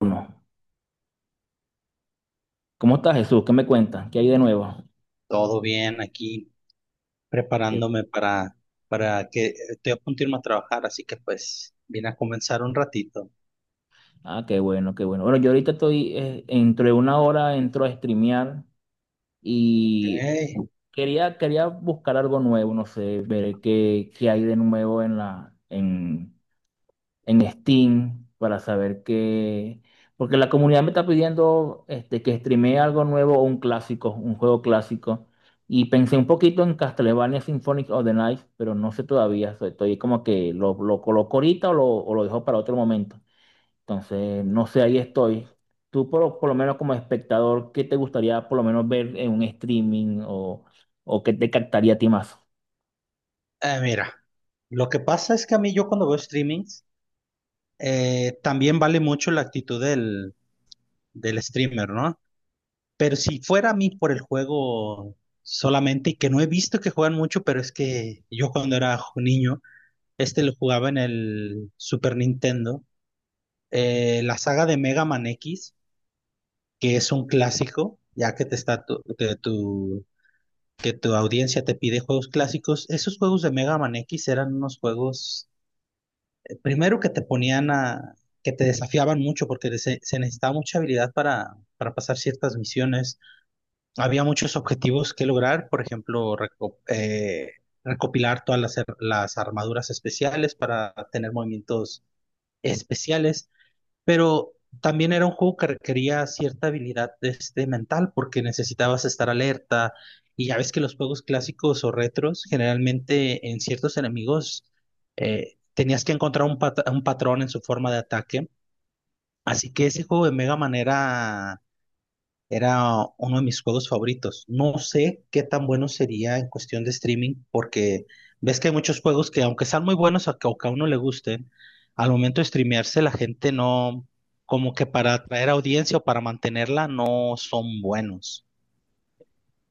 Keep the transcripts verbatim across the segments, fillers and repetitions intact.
Uno. ¿Cómo estás, Jesús? ¿Qué me cuentas? ¿Qué hay de nuevo? Todo bien aquí, Qué- preparándome para, para que estoy a punto de irme a trabajar, así que pues vine a comenzar un ratito. Ah, qué bueno, qué bueno. Bueno, yo ahorita estoy, eh, dentro de una hora entro a streamear Ok. y Eh, quería, quería buscar algo nuevo, no sé, ver qué, qué hay de nuevo en la, en, en Steam para saber qué, porque la comunidad me está pidiendo este, que streamee algo nuevo o un clásico, un juego clásico. Y pensé un poquito en Castlevania Symphonic of the Night, pero no sé todavía. so- Estoy como que lo, lo coloco ahorita o lo, o lo dejo para otro momento. Entonces, no sé, ahí estoy. Tú por, por lo menos como espectador, ¿qué te gustaría por lo menos ver en un streaming o, o qué te captaría a ti más? mira, lo que pasa es que a mí yo cuando veo streamings, eh, también vale mucho la actitud del, del streamer, ¿no? Pero si fuera a mí por el juego solamente, y que no he visto que juegan mucho, pero es que yo cuando era jo- niño, este lo jugaba en el Super Nintendo, eh, la saga de Mega Man X, que es un clásico. Ya que te está tu, que tu, que tu audiencia te pide juegos clásicos, esos juegos de Mega Man X eran unos juegos, eh, primero, que te ponían a, que te desafiaban mucho, porque se, se necesitaba mucha habilidad para, para pasar ciertas misiones. Había muchos objetivos que lograr, por ejemplo, reco- eh, recopilar todas las, ar- las armaduras especiales para tener movimientos especiales. Pero también era un juego que requería cierta habilidad, este, mental, porque necesitabas estar alerta, y ya ves que los juegos clásicos o retros generalmente en ciertos enemigos eh, tenías que encontrar un, pat- un patrón en su forma de ataque. Así que ese juego de Mega Man era era uno de mis juegos favoritos. No sé qué tan bueno sería en cuestión de streaming, porque ves que hay muchos juegos que, aunque sean muy buenos o que o que a uno le gusten, al momento de streamearse la gente no, como que para atraer audiencia o para mantenerla, no son buenos.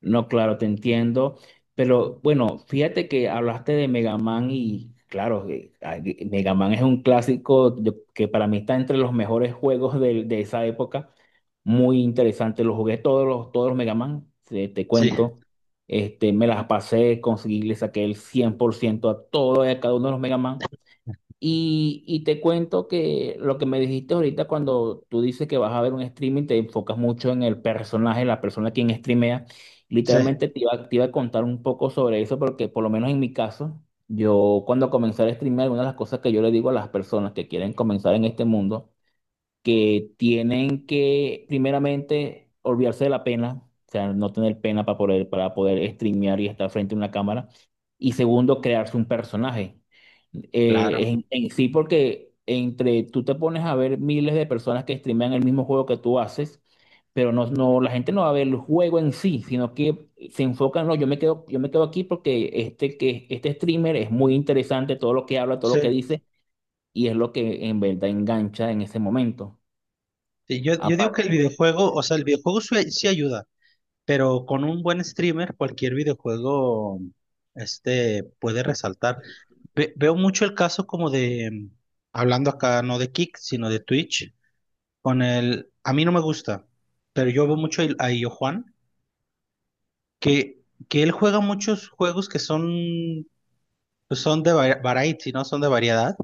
No, claro, te entiendo. Pero bueno, fíjate que hablaste de Mega Man y claro, eh, ah, eh, Mega Man es un clásico yo- que para mí está entre los mejores juegos de, de esa época. Muy interesante. Los jugué todos los, todos los Mega Man, te, te Sí, cuento. Este, me las pasé, conseguí, le saqué el cien por ciento a todo y a cada uno de los Mega Man. Y, y te cuento que lo que me dijiste ahorita cuando tú dices que vas a ver un streaming, te enfocas mucho en el personaje, la persona quien streamea. sí, Literalmente te iba, te iba a contar un poco sobre eso porque por lo menos en mi caso, yo cuando comencé a streamear, una de las cosas que yo le digo a las personas que quieren comenzar en este mundo, que tienen que primeramente olvidarse de la pena, o sea, no tener pena para poder, para poder streamear y estar frente a una cámara. Y segundo, crearse un personaje. Eh, claro. En, en sí, porque entre tú te pones a ver miles de personas que streamean el mismo juego que tú haces, pero no, no, la gente no va a ver el juego en sí, sino que se enfocan, no, yo me quedo, yo me quedo aquí porque este, que, este streamer es muy interesante, todo lo que habla, todo lo Sí. que dice, y es lo que en verdad engancha en ese momento. Sí, yo, yo digo que el Aparte, videojuego, o sea, el videojuego sí, sí ayuda, pero con un buen streamer, cualquier videojuego, este, puede resaltar. Ve- veo mucho el caso como de, mm, hablando acá no de Kick, sino de Twitch, con el, a mí no me gusta, pero yo veo mucho el- a Illo Juan, que, que él juega muchos juegos que son, pues son de va- variety, ¿no? Son de variedad,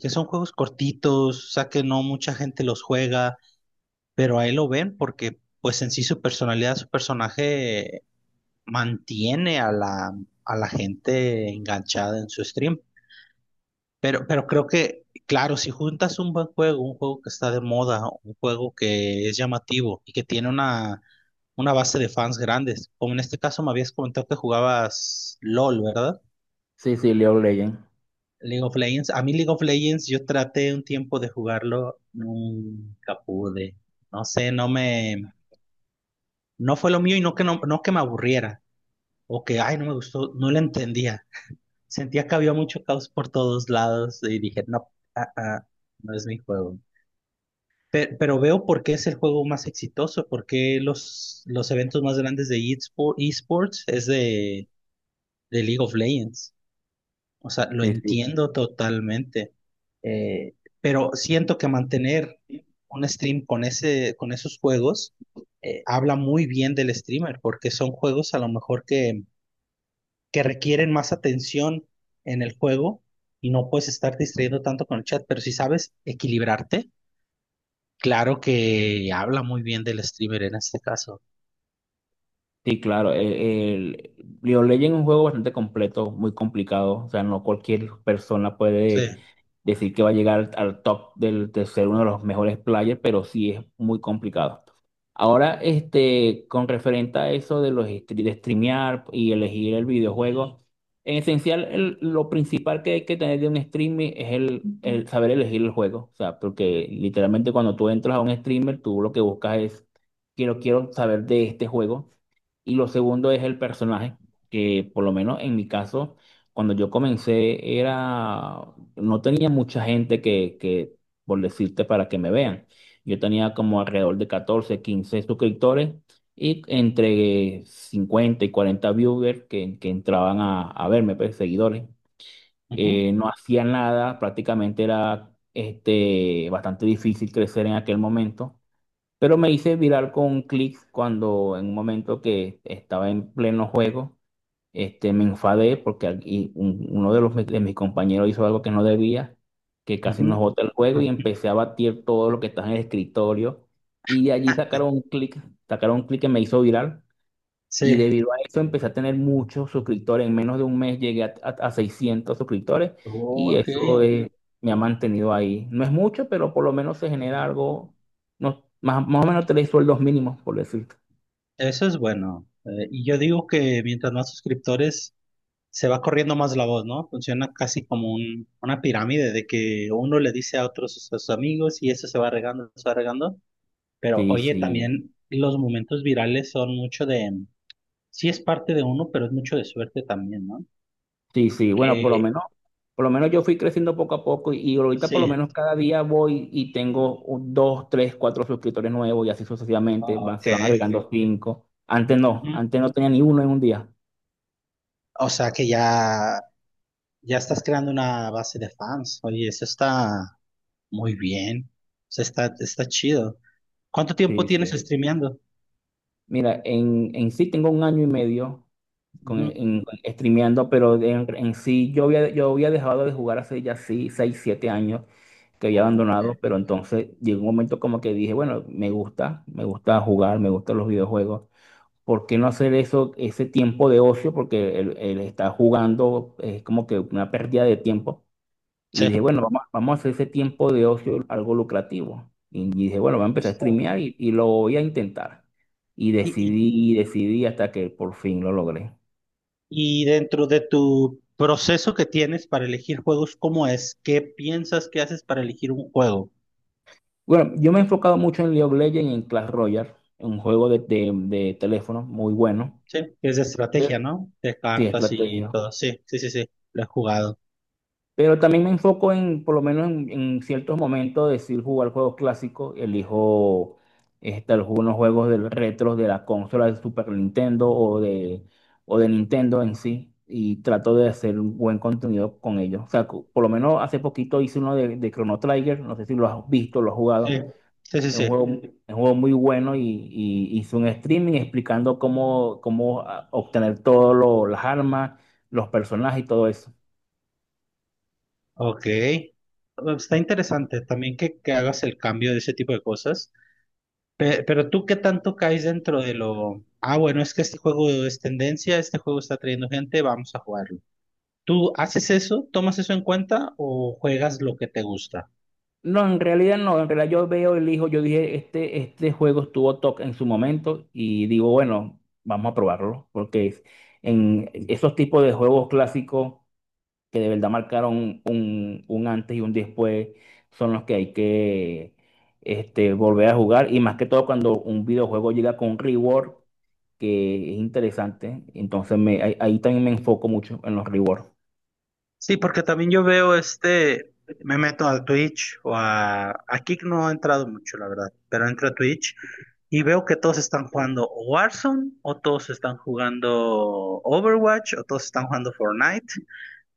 que son juegos cortitos, o sea que no mucha gente los juega, pero a él lo ven porque pues en sí su personalidad, su personaje mantiene a la, a la gente enganchada en su stream. Pero, pero creo que, claro, si juntas un buen juego, un juego que está de moda, un juego que es llamativo y que tiene una, una base de fans grandes, como en este caso me habías comentado que jugabas LOL, ¿verdad? sí, sí, League of Legends. League of Legends. A mí League of Legends yo traté un tiempo de jugarlo, nunca pude. No sé, no me, no fue lo mío, y no que no, no que me aburriera o que, ay, no me gustó, no lo entendía. Sentía que había mucho caos por todos lados y dije, no, ah, ah, no es mi juego. Pe- Pero veo por qué es el juego más exitoso, por qué los, los eventos más grandes de eSpo- eSports es de, de League of Legends. O sea, lo Sí, sí, entiendo totalmente. Eh, pero siento que mantener un stream con ese, con esos juegos, eh, habla muy bien del streamer, porque son juegos a lo mejor que, que requieren más atención en el juego y no puedes estar distrayendo tanto con el chat. Pero si sabes equilibrarte, claro que habla muy bien del streamer en este caso. sí, claro. El, el- League of Legends es un juego bastante completo, muy complicado. O sea, no cualquier persona puede Sí. decir que va a llegar al al top del, de ser uno de los mejores players, pero sí es muy complicado. Ahora, este, con referente a eso de los stre- de streamear y elegir el videojuego, en esencial el- lo principal que hay que tener de un streaming es el, el saber elegir el juego. O sea, porque literalmente cuando tú entras a un streamer, tú lo que buscas es quiero, quiero saber de este juego. Y lo segundo es el personaje, que por lo menos en mi caso cuando yo comencé era, no tenía mucha gente que, que, por decirte, para que me vean. Yo tenía como alrededor de catorce quince suscriptores y entre cincuenta y cuarenta viewers que, que entraban a, a verme, pues, seguidores. Ujú, Eh, no hacía nada, prácticamente era este, bastante difícil crecer en aquel momento. Pero me hice viral con clics cuando en un momento que estaba en pleno juego este, me enfadé porque aquí un- uno de, los, de mis compañeros hizo algo que no debía, que casi nos ujú. bota el juego y empecé a batir todo lo que estaba en el escritorio. Y de allí sacaron un clic, sacaron un clic que me hizo viral. Y Sí. debido a eso empecé a tener muchos suscriptores. En menos de un mes llegué a, a- a seiscientos suscriptores Oh, y ok. eso eh, me ha mantenido ahí. No es mucho, pero por lo menos se genera Ujú. algo, no, más, más o menos tres sueldos mínimos, por decirte. Eso es bueno. Eh, y yo digo que mientras más suscriptores, se va corriendo más la voz, ¿no? Funciona casi como un- una pirámide, de que uno le dice a otros a sus amigos y eso se va regando, se va regando. Pero Sí, oye, sí. también los momentos virales son mucho de, sí es parte de uno, pero es mucho de suerte también, ¿no? Sí, sí, bueno, por lo Que menos, por lo menos yo fui creciendo poco a poco y, y ahorita por lo sí, menos cada día voy y tengo un- dos, tres, cuatro suscriptores nuevos y así sucesivamente, oh, van, ok. se van agregando. Sí, cinco. Antes no, ujú. antes no tenía ni uno en un día. O sea que ya, ya estás creando una base de fans. Oye, eso está muy bien. O sea, está, está chido. ¿Cuánto tiempo Sí, tienes sí. streameando? Mira, en, en sí tengo un año y medio con, Ujú. en, streameando, pero en, en sí yo había, yo había dejado de jugar hace ya sí, seis, siete años que había abandonado, Ok. pero entonces llegó un momento como que dije, bueno, me gusta, me gusta jugar, me gustan los videojuegos. ¿Por qué no hacer eso, ese tiempo de ocio? Porque él, él está jugando, es como que una pérdida de tiempo. Sí. Y dije, bueno, vamos, vamos a hacer ese tiempo de ocio algo lucrativo. Y dije, bueno, voy a empezar a Está. streamear y, y lo voy a intentar. Y Y, decidí, Y decidí hasta que por fin lo logré. y, y dentro de tu proceso que tienes para elegir juegos, ¿cómo es? ¿Qué piensas que haces para elegir un juego? Bueno, yo me he enfocado mucho en League of Legends y en Clash Royale, un juego de, de- de teléfono muy bueno. Sí, que es de Pero estrategia, ¿no? De sí, cartas y estrategia. todo. Sí, sí, sí, sí. Lo he jugado. Pero también me enfoco en, por lo menos en, en ciertos momentos, decir jugar juegos clásicos. Elijo este, algunos juegos del retros de la consola de Super Nintendo o de, o de Nintendo en sí. Y trato de hacer un buen contenido con ellos. O sea, cu- por lo menos hace poquito hice uno de, de Chrono Trigger. No sé si lo has visto, lo has jugado. Sí, sí, sí, Es un sí. juego, es un juego muy bueno y, y hice un streaming explicando cómo, cómo ah, obtener todas las armas, los personajes y todo eso. Ok. Em, Está interesante también que, que hagas el cambio de ese tipo de cosas. Pe- pero tú, ¿qué tanto caes dentro de lo... Ah, bueno, es que este juego es tendencia, este juego está trayendo gente, vamos a jugarlo. ¿Tú haces eso? ¿Tomas eso en cuenta o juegas lo que te gusta? No, en realidad no, en realidad yo veo, elijo, yo dije, este, este juego estuvo top en su momento y digo, bueno, vamos a probarlo, porque es- en esos tipos de juegos clásicos que de verdad marcaron un, un antes y un después son los que hay que este, volver a jugar y más que todo cuando un videojuego llega con un reward que es interesante, entonces me, ahí, ahí también me enfoco mucho en los rewards. Sí, porque también yo veo este, me meto a Twitch o a, a Kick no he entrado mucho, la verdad, pero entro a Twitch y veo que todos están jugando o Warzone o todos están jugando Overwatch o todos están jugando Fortnite,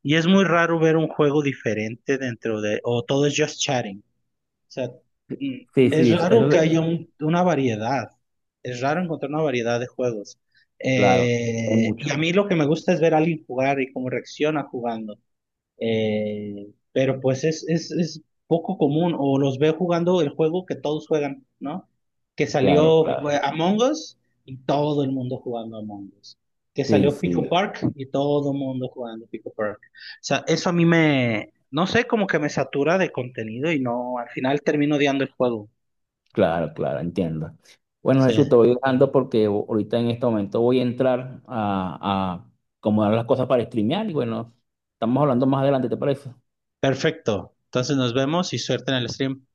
y es muy raro ver un juego diferente dentro de, o todo es just chatting. O sea, mm, Sí, es sí, eso, raro que de- haya un- una variedad, es raro encontrar una variedad de juegos. claro, es Eh, mucho, Y a mí lo que me gusta es ver a alguien jugar y cómo reacciona jugando. Eh, pero pues es, es, es poco común, o los veo jugando el juego que todos juegan, ¿no? Que claro, salió, eh, claro, Among Us, y todo el mundo jugando Among Us. Que sí, salió Pico sí. Park y todo el mundo jugando Pico Park. O sea, eso a mí me, no sé, como que me satura de contenido y no, al final termino odiando el juego. Claro, claro, entiendo. Bueno, Sí, Jesús, te voy dejando porque o- ahorita en este momento voy a entrar a, a acomodar las cosas para streamear y bueno, estamos hablando más adelante, ¿te parece? perfecto. Entonces nos vemos y suerte en el stream.